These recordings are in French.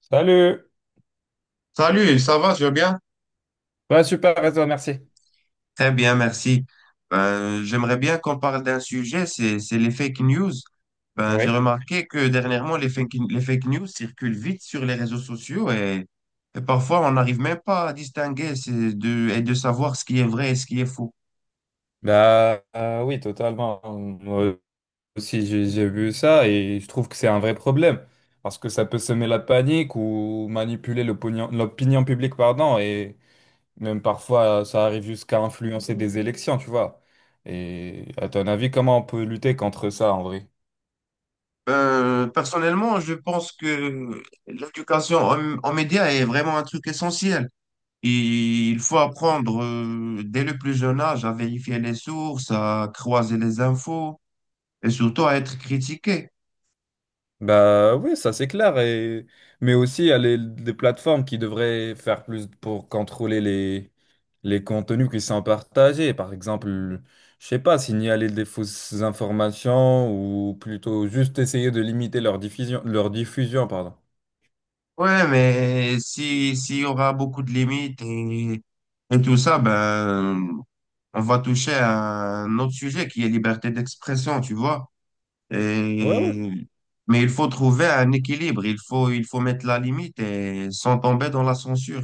Salut! Salut, ça va, tu vas bien? Ouais, super, et toi, merci. Très bien, merci. Ben, j'aimerais bien qu'on parle d'un sujet, c'est les fake news. Ben, j'ai Oui. remarqué que dernièrement, les fake news circulent vite sur les réseaux sociaux et parfois, on n'arrive même pas à distinguer ces deux, et de savoir ce qui est vrai et ce qui est faux. Oui, totalement. Moi aussi, j'ai vu ça et je trouve que c'est un vrai problème parce que ça peut semer la panique ou manipuler l'opinion publique, pardon, et même parfois ça arrive jusqu'à influencer des élections, tu vois. Et à ton avis, comment on peut lutter contre ça en vrai? Ben, personnellement, je pense que l'éducation en médias est vraiment un truc essentiel. Il faut apprendre dès le plus jeune âge à vérifier les sources, à croiser les infos et surtout à être critiqué. Bah oui, ça c'est clair. Et... Mais aussi, il y a des plateformes qui devraient faire plus pour contrôler les contenus qui sont partagés. Par exemple, je sais pas, signaler des fausses informations ou plutôt juste essayer de limiter leur diffusion, pardon. Ouais, mais si, s'il y aura beaucoup de limites et tout ça, ben, on va toucher à un autre sujet qui est liberté d'expression, tu vois. Ouais, ouais. Et, mais il faut trouver un équilibre. Il faut mettre la limite et sans tomber dans la censure.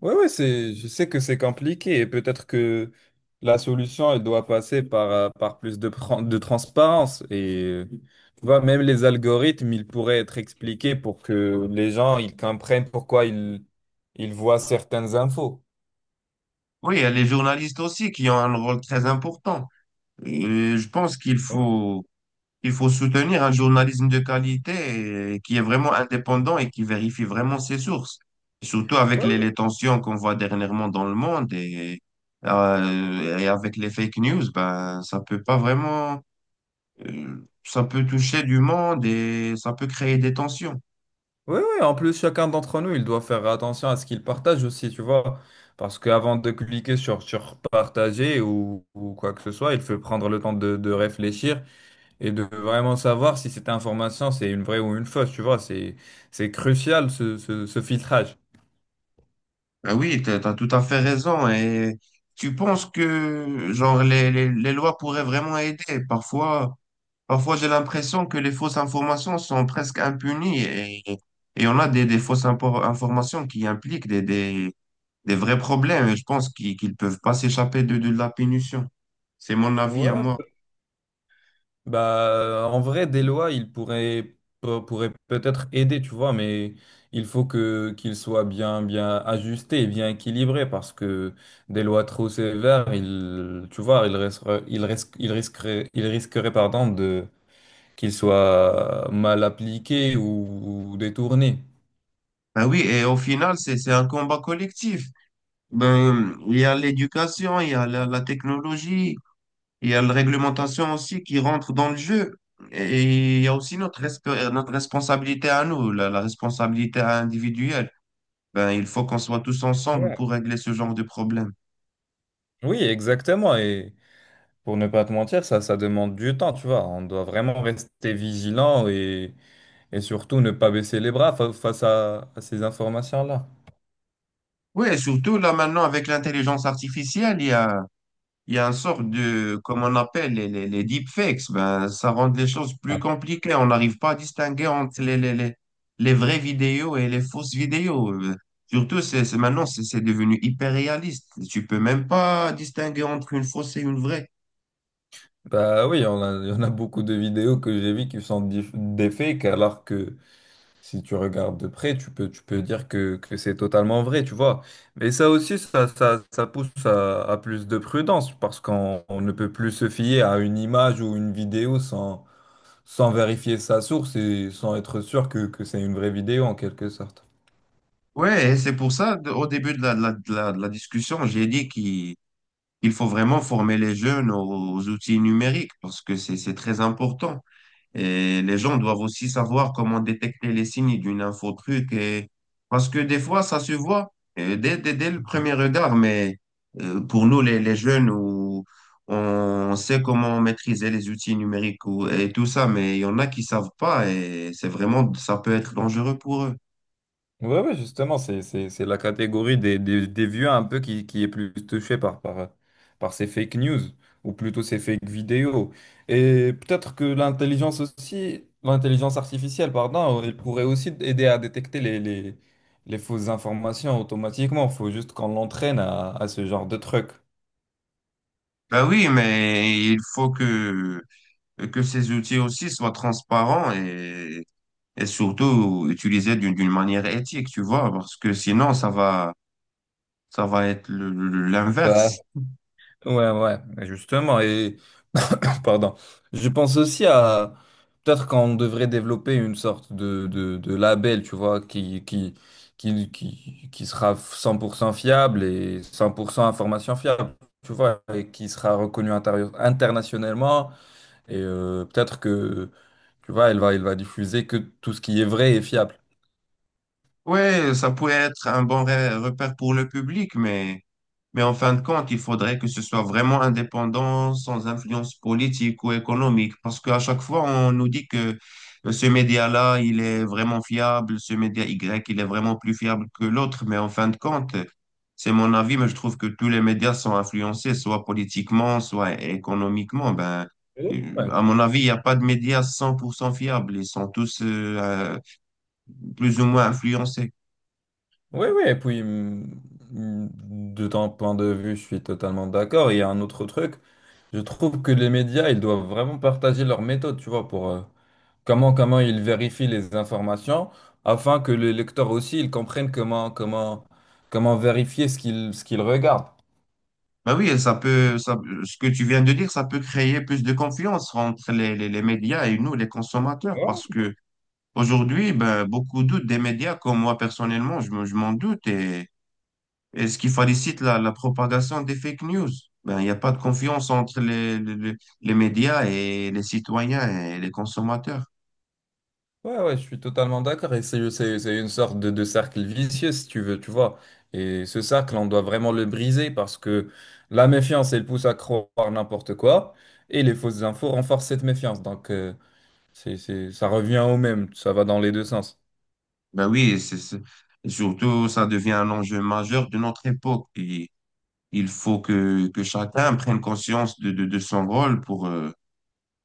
Ouais, ouais, c'est, je sais que c'est compliqué et peut-être que la solution, elle doit passer par, par plus de, de transparence. Et tu vois, même les algorithmes, ils pourraient être expliqués pour que les gens, ils comprennent pourquoi ils voient certaines infos. Oui, il y a les journalistes aussi qui ont un rôle très important. Et je pense qu'il Ouais. faut, il faut soutenir un journalisme de qualité et qui est vraiment indépendant et qui vérifie vraiment ses sources. Surtout avec Ouais, les tensions qu'on voit dernièrement dans le monde et avec les fake news, ben, ça peut pas vraiment, ça peut toucher du monde et ça peut créer des tensions. ouais, ouais. En plus, chacun d'entre nous, il doit faire attention à ce qu'il partage aussi, tu vois. Parce qu'avant de cliquer sur partager ou quoi que ce soit, il faut prendre le temps de réfléchir et de vraiment savoir si cette information c'est une vraie ou une fausse, tu vois, c'est crucial ce filtrage. Ah oui, t'as tout à fait raison. Et tu penses que, genre, les lois pourraient vraiment aider. Parfois, Parfois, j'ai l'impression que les fausses informations sont presque impunies et on a des fausses impor- informations qui impliquent des vrais problèmes et je pense qu'ils peuvent pas s'échapper de la punition. C'est mon avis Ouais, à ouais. moi. Bah en vrai des lois, ils pourraient peut-être aider, tu vois, mais il faut que qu'ils soient bien ajustés et bien équilibrés parce que des lois trop sévères, ils tu vois, ils risqueraient pardon de qu'ils soient mal appliqués ou détournés. Ben oui, et au final, c'est un combat collectif. Ben, il y a l'éducation, il y a la technologie, il y a la réglementation aussi qui rentre dans le jeu. Et il y a aussi notre responsabilité à nous, la responsabilité individuelle. Ben, il faut qu'on soit tous ensemble Ouais. pour régler ce genre de problème. Oui, exactement. Et pour ne pas te mentir, ça demande du temps, tu vois. On doit vraiment rester vigilant et surtout ne pas baisser les bras face à ces informations-là. Oui, et surtout là maintenant avec l'intelligence artificielle, il y a un sort de, comme on appelle les deepfakes. Ben, ça rend les choses plus Ah. compliquées. On n'arrive pas à distinguer entre les vraies vidéos et les fausses vidéos. Surtout, maintenant, c'est devenu hyper réaliste. Tu peux même pas distinguer entre une fausse et une vraie. Bah oui, il y en a beaucoup de vidéos que j'ai vues qui sont des fakes, alors que si tu regardes de près, tu peux dire que c'est totalement vrai, tu vois. Mais ça aussi, ça pousse à plus de prudence, parce qu'on on ne peut plus se fier à une image ou une vidéo sans vérifier sa source et sans être sûr que c'est une vraie vidéo en quelque sorte. Ouais, et c'est pour ça, au début de de la discussion, j'ai dit qu'il il faut vraiment former les jeunes aux outils numériques parce que c'est très important. Et les gens doivent aussi savoir comment détecter les signes d'une infotruc et parce que des fois, ça se voit dès le premier regard, mais pour nous, les jeunes, où on sait comment maîtriser les outils numériques et tout ça, mais il y en a qui savent pas et c'est vraiment, ça peut être dangereux pour eux. Ouais, ouais, justement, c'est la catégorie des vieux un peu qui est plus touchée par ces fake news, ou plutôt ces fake vidéos. Et peut-être que l'intelligence aussi, l'intelligence artificielle, pardon, elle pourrait aussi aider à détecter les fausses informations automatiquement. Il faut juste qu'on l'entraîne à ce genre de truc. Ben oui, mais que ces outils aussi soient transparents et surtout utiliser d'une manière éthique, tu vois, parce que sinon ça va être l'inverse. Ouais, ouais, ouais, justement. Et pardon, je pense aussi à peut-être qu'on devrait développer une sorte de label, tu vois, qui sera 100% fiable et 100% information fiable, tu vois, et qui sera reconnu internationalement. Et peut-être que, tu vois, elle va diffuser que tout ce qui est vrai et fiable. Ouais, ça pourrait être un bon repère pour le public, mais en fin de compte, il faudrait que ce soit vraiment indépendant, sans influence politique ou économique, parce qu'à chaque fois, on nous dit que ce média-là, il est vraiment fiable, ce média Y, il est vraiment plus fiable que l'autre, mais en fin de compte, c'est mon avis, mais je trouve que tous les médias sont influencés, soit politiquement, soit économiquement. Ben, Ouais. à mon avis, il n'y a pas de médias 100% fiables, ils sont tous euh, plus ou moins influencés. Oui, oui, et puis de ton point de vue, je suis totalement d'accord. Il y a un autre truc. Je trouve que les médias, ils doivent vraiment partager leur méthode, tu vois, pour comment, comment ils vérifient les informations, afin que les lecteurs aussi, ils comprennent comment vérifier ce ce qu'ils regardent. Bah oui, ce que tu viens de dire, ça peut créer plus de confiance entre les médias et nous, les consommateurs, parce que aujourd'hui, ben, beaucoup doutent des médias, comme moi personnellement, je m'en doute, et ce qui facilite la propagation des fake news. Ben, il n'y a pas de confiance entre les médias et les citoyens et les consommateurs. Ouais, ouais, je suis totalement d'accord. Et c'est une sorte de cercle vicieux, si tu veux, tu vois. Et ce cercle, on doit vraiment le briser parce que la méfiance, elle pousse à croire n'importe quoi. Et les fausses infos renforcent cette méfiance. Donc, ça revient au même. Ça va dans les deux sens. Ben oui, et surtout, ça devient un enjeu majeur de notre époque. Et que chacun prenne conscience de son rôle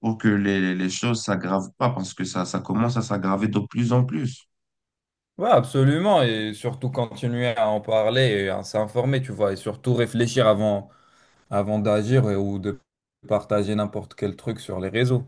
pour que les choses s'aggravent pas parce que ça commence à s'aggraver de plus en plus. Ouais, absolument. Et surtout continuer à en parler et à s'informer, tu vois. Et surtout réfléchir avant d'agir ou de partager n'importe quel truc sur les réseaux.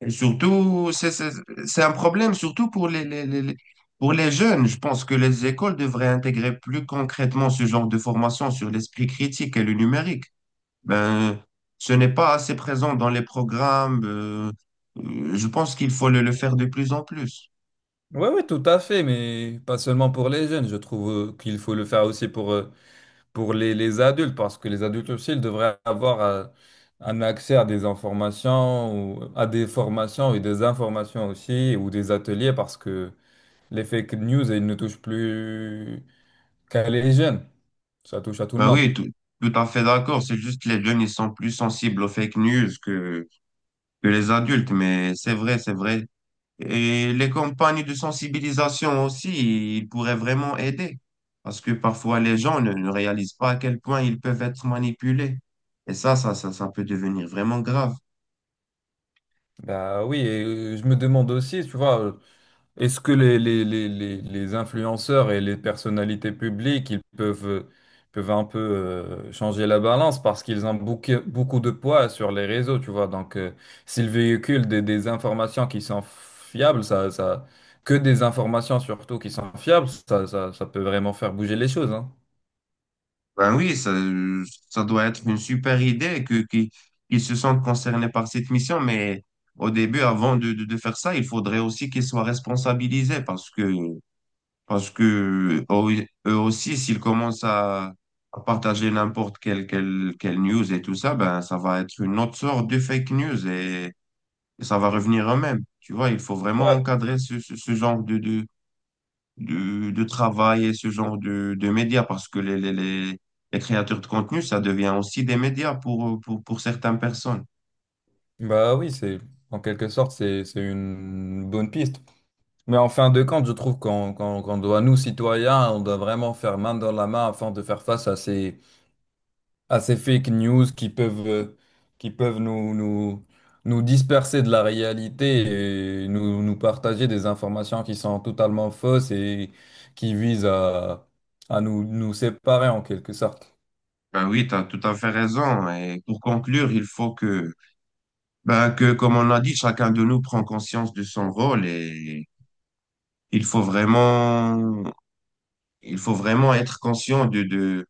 Et surtout, c'est un problème, surtout pour pour les jeunes. Je pense que les écoles devraient intégrer plus concrètement ce genre de formation sur l'esprit critique et le numérique. Ben, ce n'est pas assez présent dans les programmes. Je pense qu'il faut le faire de plus en plus. Oui, oui, tout à fait, mais pas seulement pour les jeunes. Je trouve qu'il faut le faire aussi pour les adultes, parce que les adultes aussi, ils devraient avoir un accès à des informations, ou à des formations et des informations aussi, ou des ateliers, parce que les fake news, ils ne touchent plus qu'à les jeunes. Ça touche à tout le Ben monde. oui, tout à fait d'accord. C'est juste que les jeunes, ils sont plus sensibles aux fake news que les adultes. Mais c'est vrai. Et les campagnes de sensibilisation aussi, ils pourraient vraiment aider. Parce que parfois, les gens ne réalisent pas à quel point ils peuvent être manipulés. Et ça peut devenir vraiment grave. Bah oui, et je me demande aussi, tu vois. Est-ce que les influenceurs et les personnalités publiques, peuvent un peu changer la balance parce qu'ils ont beaucoup, beaucoup de poids sur les réseaux, tu vois. Donc, s'ils véhiculent des informations qui sont fiables, que des informations surtout qui sont fiables, ça peut vraiment faire bouger les choses, hein. Ben oui, ça doit être une super idée qu'ils se sentent concernés par cette mission. Mais au début, avant de faire ça, il faudrait aussi qu'ils soient responsabilisés parce que eux eux aussi, s'ils commencent à partager quelle news et tout ça, ben, ça va être une autre sorte de fake news et ça va revenir eux-mêmes. Tu vois, il faut vraiment Ouais, encadrer ce genre de travail et ce genre de médias parce que les créateurs de contenu, ça devient aussi des médias pour certaines personnes. bah oui, c'est en quelque sorte, c'est une bonne piste. Mais en fin de compte, je trouve qu'on doit, nous, citoyens, on doit vraiment faire main dans la main afin de faire face à ces fake news qui peuvent nous disperser de la réalité et nous partager des informations qui sont totalement fausses et qui visent à nous séparer en quelque sorte. Ben oui, tu as tout à fait raison. Et pour conclure, ben, que, comme on a dit, chacun de nous prend conscience de son rôle et il faut vraiment, il faut vraiment être conscient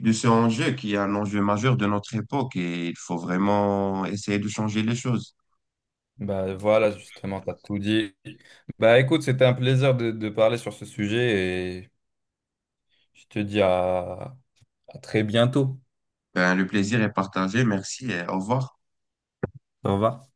de ce enjeu qui est un enjeu majeur de notre époque et il faut vraiment essayer de changer les choses. Bah voilà, justement, t'as tout dit. Bah écoute, c'était un plaisir de parler sur ce sujet et je te dis à très bientôt. Ben, le plaisir est partagé. Merci et au revoir. Au revoir.